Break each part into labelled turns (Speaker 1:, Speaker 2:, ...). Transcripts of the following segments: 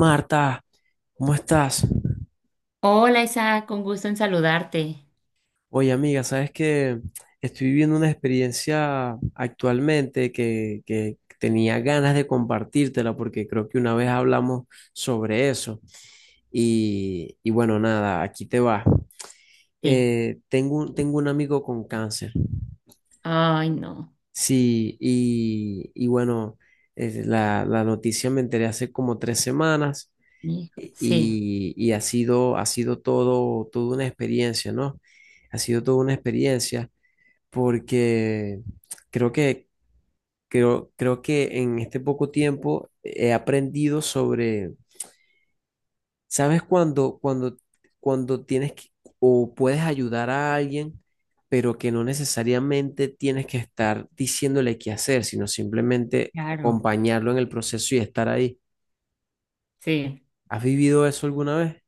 Speaker 1: Marta, ¿cómo estás?
Speaker 2: Hola Isa, con gusto en saludarte.
Speaker 1: Oye, amiga, sabes que estoy viviendo una experiencia actualmente que tenía ganas de compartírtela porque creo que una vez hablamos sobre eso. Y bueno, nada, aquí te va.
Speaker 2: Sí.
Speaker 1: Tengo un amigo con cáncer.
Speaker 2: Ay, no.
Speaker 1: Sí, y bueno, la noticia me enteré hace como 3 semanas
Speaker 2: Hijo. Sí,
Speaker 1: y ha sido toda una experiencia, ¿no? Ha sido toda una experiencia porque creo que, creo, creo que en este poco tiempo he aprendido sobre, ¿sabes cuando o puedes ayudar a alguien, pero que no necesariamente tienes que estar diciéndole qué hacer, sino simplemente
Speaker 2: claro.
Speaker 1: acompañarlo en el proceso y estar ahí?
Speaker 2: Sí.
Speaker 1: ¿Has vivido eso alguna vez?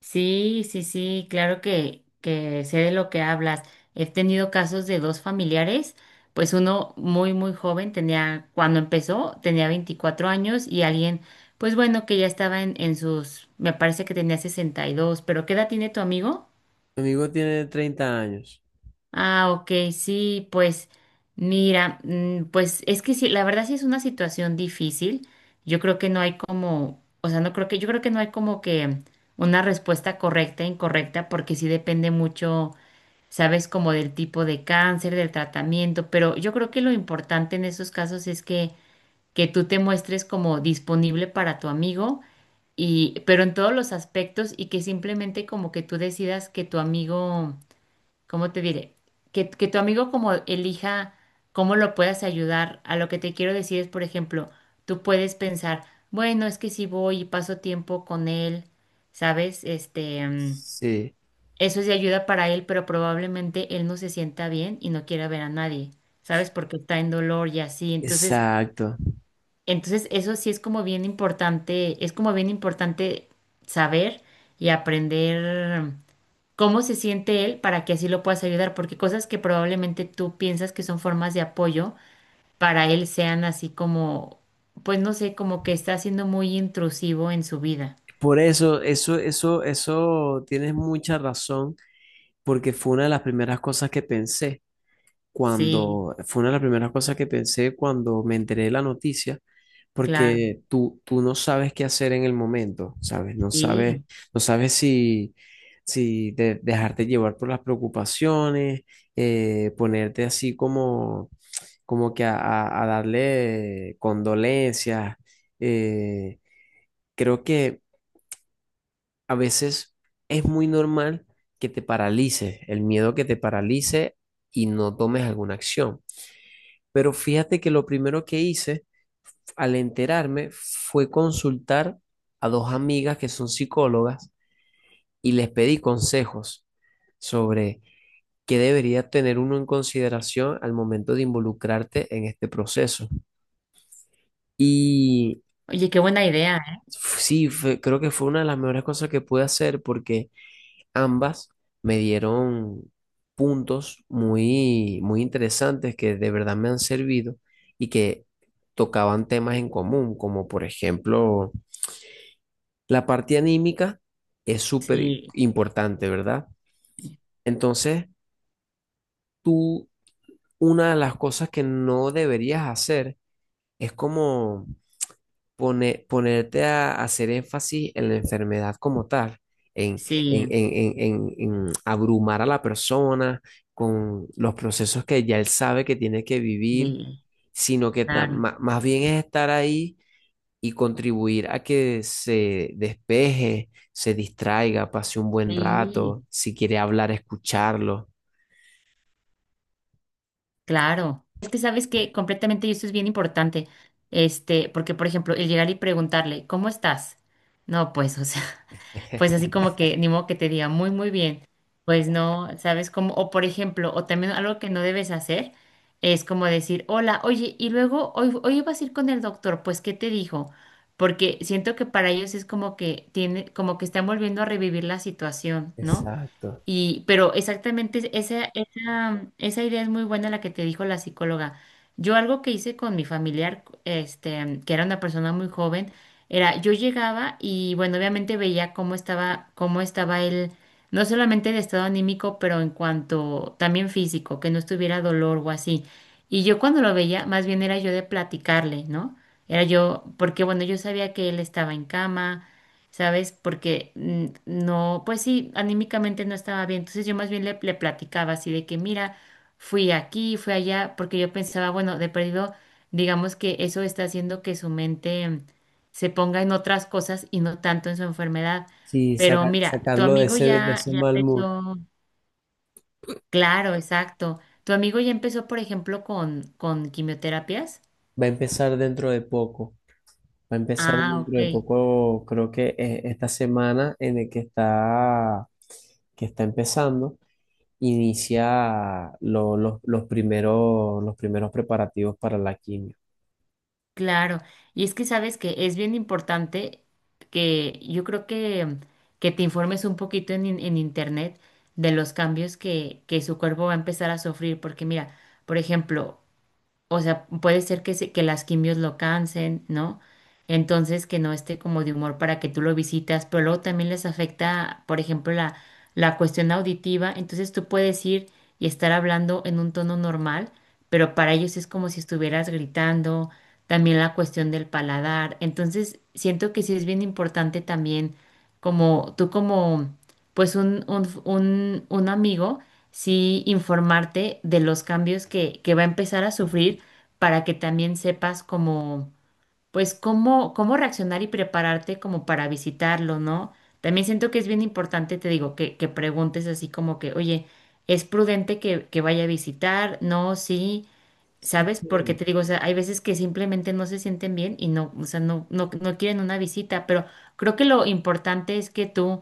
Speaker 2: Sí, sí, sí, claro que sé de lo que hablas. He tenido casos de dos familiares, pues uno muy, muy joven, tenía, cuando empezó, tenía 24 años y alguien, pues bueno, que ya estaba en sus, me parece que tenía 62. Pero ¿qué edad tiene tu amigo?
Speaker 1: Mi amigo tiene 30 años.
Speaker 2: Ah, ok, sí, pues mira, pues es que sí, la verdad sí es una situación difícil. Yo creo que no hay como, o sea, no creo que, yo creo que no hay como que una respuesta correcta e incorrecta, porque sí depende mucho, sabes, como del tipo de cáncer, del tratamiento, pero yo creo que lo importante en esos casos es que tú te muestres como disponible para tu amigo y, pero en todos los aspectos y que simplemente como que tú decidas que tu amigo, ¿cómo te diré? Que tu amigo como elija cómo lo puedas ayudar. A lo que te quiero decir es, por ejemplo, tú puedes pensar, bueno, es que si voy y paso tiempo con él, ¿sabes? Este,
Speaker 1: Sí,
Speaker 2: eso es de ayuda para él, pero probablemente él no se sienta bien y no quiera ver a nadie, ¿sabes? Porque está en dolor y así. Entonces,
Speaker 1: exacto.
Speaker 2: entonces eso sí es como bien importante, es como bien importante saber y aprender cómo se siente él para que así lo puedas ayudar, porque cosas que probablemente tú piensas que son formas de apoyo, para él sean así como, pues no sé, como que está siendo muy intrusivo en su vida.
Speaker 1: Por eso, eso, eso, eso, tienes mucha razón, porque fue una de las primeras cosas que pensé
Speaker 2: Sí,
Speaker 1: cuando, fue una de las primeras cosas que pensé cuando me enteré de la noticia,
Speaker 2: claro,
Speaker 1: porque tú no sabes qué hacer en el momento, ¿sabes? No sabes,
Speaker 2: sí.
Speaker 1: no sabes si, dejarte llevar por las preocupaciones, ponerte así como, como que a darle condolencias. eh, creo que a veces es muy normal que te paralices, el miedo que te paralice y no tomes alguna acción. Pero fíjate que lo primero que hice al enterarme fue consultar a dos amigas que son psicólogas y les pedí consejos sobre qué debería tener uno en consideración al momento de involucrarte en este proceso. Y
Speaker 2: Oye, qué buena idea, ¿eh?
Speaker 1: sí, creo que fue una de las mejores cosas que pude hacer porque ambas me dieron puntos muy, muy interesantes que de verdad me han servido y que tocaban temas en común, como por ejemplo la parte anímica es súper
Speaker 2: Sí,
Speaker 1: importante, ¿verdad? Entonces, tú, una de las cosas que no deberías hacer es como ponerte a hacer énfasis en la enfermedad como tal,
Speaker 2: sí,
Speaker 1: en abrumar a la persona con los procesos que ya él sabe que tiene que vivir,
Speaker 2: sí,
Speaker 1: sino que
Speaker 2: claro,
Speaker 1: más bien es estar ahí y contribuir a que se despeje, se distraiga, pase un buen
Speaker 2: sí,
Speaker 1: rato, si quiere hablar, escucharlo.
Speaker 2: claro. Es que sabes que completamente y esto es bien importante, este, porque por ejemplo, el llegar y preguntarle, ¿cómo estás? No, pues, o sea. Pues así como que ni modo que te diga muy, muy bien, pues no, ¿sabes cómo? O por ejemplo, o también algo que no debes hacer es como decir, hola, oye, y luego hoy, hoy vas a ir con el doctor, pues ¿qué te dijo? Porque siento que para ellos es como que tiene, como que están volviendo a revivir la situación, ¿no?
Speaker 1: Exacto.
Speaker 2: Y, pero exactamente esa, esa, esa idea es muy buena la que te dijo la psicóloga. Yo algo que hice con mi familiar, este, que era una persona muy joven, era yo llegaba y bueno, obviamente veía cómo estaba él, no solamente de estado anímico, pero en cuanto también físico, que no estuviera dolor o así. Y yo cuando lo veía, más bien era yo de platicarle, ¿no? Era yo, porque bueno, yo sabía que él estaba en cama, ¿sabes? Porque no, pues sí, anímicamente no estaba bien. Entonces yo más bien le, le platicaba así de que, mira, fui aquí, fui allá, porque yo pensaba, bueno, de perdido, digamos que eso está haciendo que su mente se ponga en otras cosas y no tanto en su enfermedad.
Speaker 1: Sí,
Speaker 2: Pero mira, tu
Speaker 1: sacarlo
Speaker 2: amigo
Speaker 1: de
Speaker 2: ya,
Speaker 1: ese
Speaker 2: ya
Speaker 1: mal mood.
Speaker 2: empezó, claro, exacto. Tu amigo ya empezó, por ejemplo, con quimioterapias.
Speaker 1: Va a empezar dentro de poco. Va a empezar
Speaker 2: Ah,
Speaker 1: dentro
Speaker 2: ok.
Speaker 1: de poco, creo que esta semana en el que está empezando, inicia los primeros preparativos para la quimio.
Speaker 2: Claro, y es que sabes que es bien importante que yo creo que te informes un poquito en, en internet de los cambios que su cuerpo va a empezar a sufrir, porque mira, por ejemplo, o sea, puede ser que, que las quimios lo cansen, ¿no? Entonces que no esté como de humor para que tú lo visitas, pero luego también les afecta, por ejemplo, la cuestión auditiva, entonces tú puedes ir y estar hablando en un tono normal, pero para ellos es como si estuvieras gritando, también la cuestión del paladar, entonces siento que sí es bien importante también como tú como pues un, un amigo sí informarte de los cambios que va a empezar a sufrir para que también sepas cómo, pues cómo, cómo reaccionar y prepararte como para visitarlo, ¿no? También siento que es bien importante, te digo, que preguntes así como que, oye, ¿es prudente que vaya a visitar? No, sí, ¿sabes? Porque
Speaker 1: Mm.
Speaker 2: te digo, o sea, hay veces que simplemente no se sienten bien y no, o sea, no, no, no quieren una visita, pero creo que lo importante es que tú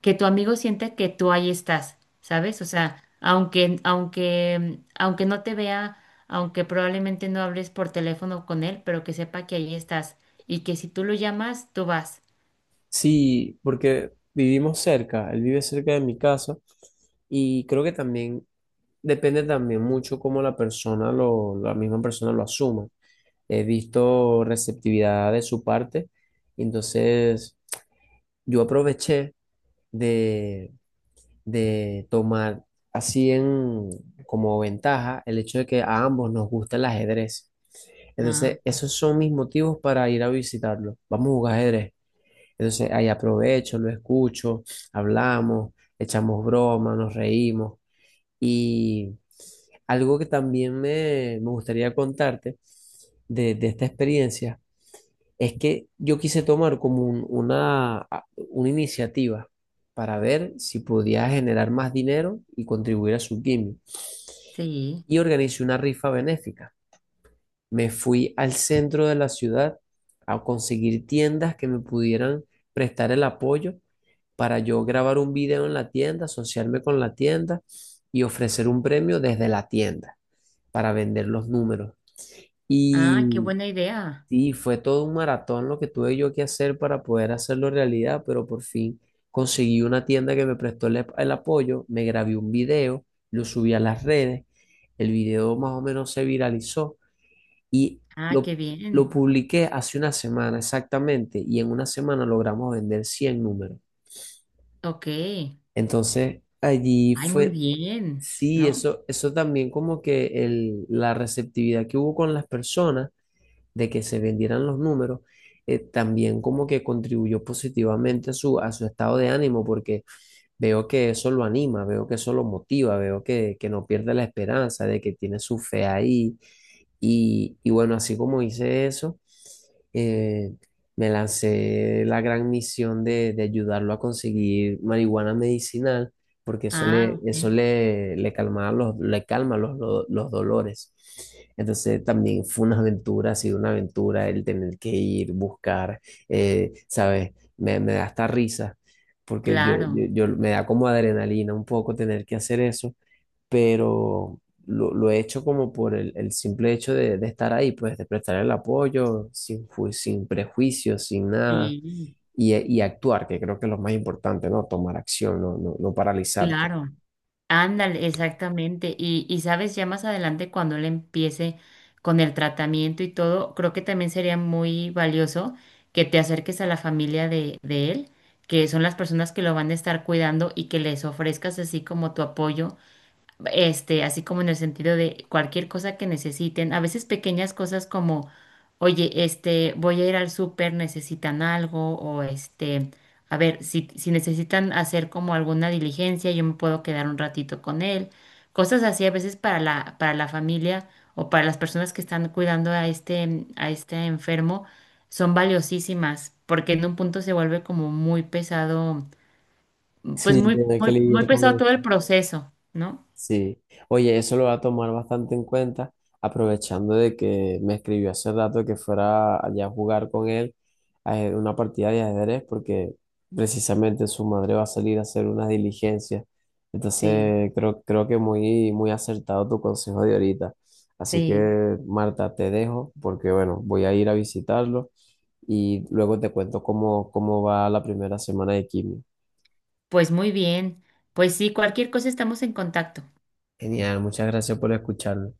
Speaker 2: que tu amigo sienta que tú ahí estás, ¿sabes? O sea, aunque, aunque, aunque no te vea, aunque probablemente no hables por teléfono con él, pero que sepa que ahí estás y que si tú lo llamas, tú vas.
Speaker 1: Sí, porque vivimos cerca, él vive cerca de mi casa y creo que también depende también mucho cómo la persona, lo, la misma persona lo asuma. He visto receptividad de su parte, entonces yo aproveché de, de tomar así en, como ventaja el hecho de que a ambos nos gusta el ajedrez.
Speaker 2: Ah,
Speaker 1: Entonces, esos son mis motivos para ir a visitarlo. Vamos a jugar ajedrez. Entonces, ahí aprovecho, lo escucho, hablamos, echamos broma, nos reímos. Y algo que también me gustaría contarte de esta experiencia es que yo quise tomar como una iniciativa para ver si podía generar más dinero y contribuir a su gimmick.
Speaker 2: sí.
Speaker 1: Y organicé una rifa benéfica. Me fui al centro de la ciudad a conseguir tiendas que me pudieran prestar el apoyo para yo grabar un video en la tienda, asociarme con la tienda y ofrecer un premio desde la tienda para vender los números.
Speaker 2: Ah, qué
Speaker 1: Y
Speaker 2: buena idea.
Speaker 1: sí, fue todo un maratón lo que tuve yo que hacer para poder hacerlo realidad, pero por fin conseguí una tienda que me prestó el apoyo, me grabé un video, lo subí a las redes, el video más o menos se viralizó y
Speaker 2: Ah,
Speaker 1: lo,
Speaker 2: qué
Speaker 1: lo
Speaker 2: bien.
Speaker 1: publiqué hace una semana exactamente y en una semana logramos vender 100 números.
Speaker 2: Ok. Ay,
Speaker 1: Entonces allí
Speaker 2: muy
Speaker 1: fue,
Speaker 2: bien,
Speaker 1: sí,
Speaker 2: ¿no?
Speaker 1: eso también como que la receptividad que hubo con las personas de que se vendieran los números, también como que contribuyó positivamente a su estado de ánimo, porque veo que eso lo anima, veo que eso lo motiva, veo que no pierde la esperanza de que tiene su fe ahí. Y bueno, así como hice eso, eh, me lancé la gran misión de ayudarlo a conseguir marihuana medicinal, porque
Speaker 2: Ah,
Speaker 1: eso
Speaker 2: ok.
Speaker 1: le calmaba los, le calma los, los dolores. Entonces también fue una aventura, ha sido una aventura el tener que ir, buscar, ¿sabes? Me da hasta risa porque
Speaker 2: Claro.
Speaker 1: me da como adrenalina un poco tener que hacer eso, pero lo he hecho como por el simple hecho de estar ahí, pues de prestar el apoyo, sin prejuicios, sin nada,
Speaker 2: Sí,
Speaker 1: y actuar, que creo que es lo más importante, ¿no? Tomar acción, no paralizarte.
Speaker 2: claro. Ándale, exactamente. Y sabes, ya más adelante cuando él empiece con el tratamiento y todo, creo que también sería muy valioso que te acerques a la familia de él, que son las personas que lo van a estar cuidando y que les ofrezcas así como tu apoyo este, así como en el sentido de cualquier cosa que necesiten, a veces pequeñas cosas como, oye, este, voy a ir al súper, necesitan algo, o este, a ver, si, si necesitan hacer como alguna diligencia, yo me puedo quedar un ratito con él, cosas así a veces para la familia o para las personas que están cuidando a este enfermo, son valiosísimas, porque en un punto se vuelve como muy pesado, pues
Speaker 1: Sí,
Speaker 2: muy,
Speaker 1: tener que
Speaker 2: muy, muy
Speaker 1: lidiar con
Speaker 2: pesado
Speaker 1: eso.
Speaker 2: todo el proceso, ¿no?
Speaker 1: Sí, oye, eso lo voy a tomar bastante en cuenta, aprovechando de que me escribió hace rato que fuera allá a jugar con él a una partida de ajedrez, porque precisamente su madre va a salir a hacer unas diligencias.
Speaker 2: Sí.
Speaker 1: Entonces, creo, creo que muy, muy acertado tu consejo de ahorita. Así
Speaker 2: Sí,
Speaker 1: que, Marta, te dejo, porque bueno, voy a ir a visitarlo y luego te cuento cómo, cómo va la primera semana de quimio.
Speaker 2: pues muy bien. Pues sí, cualquier cosa estamos en contacto.
Speaker 1: Genial, muchas gracias por escucharme.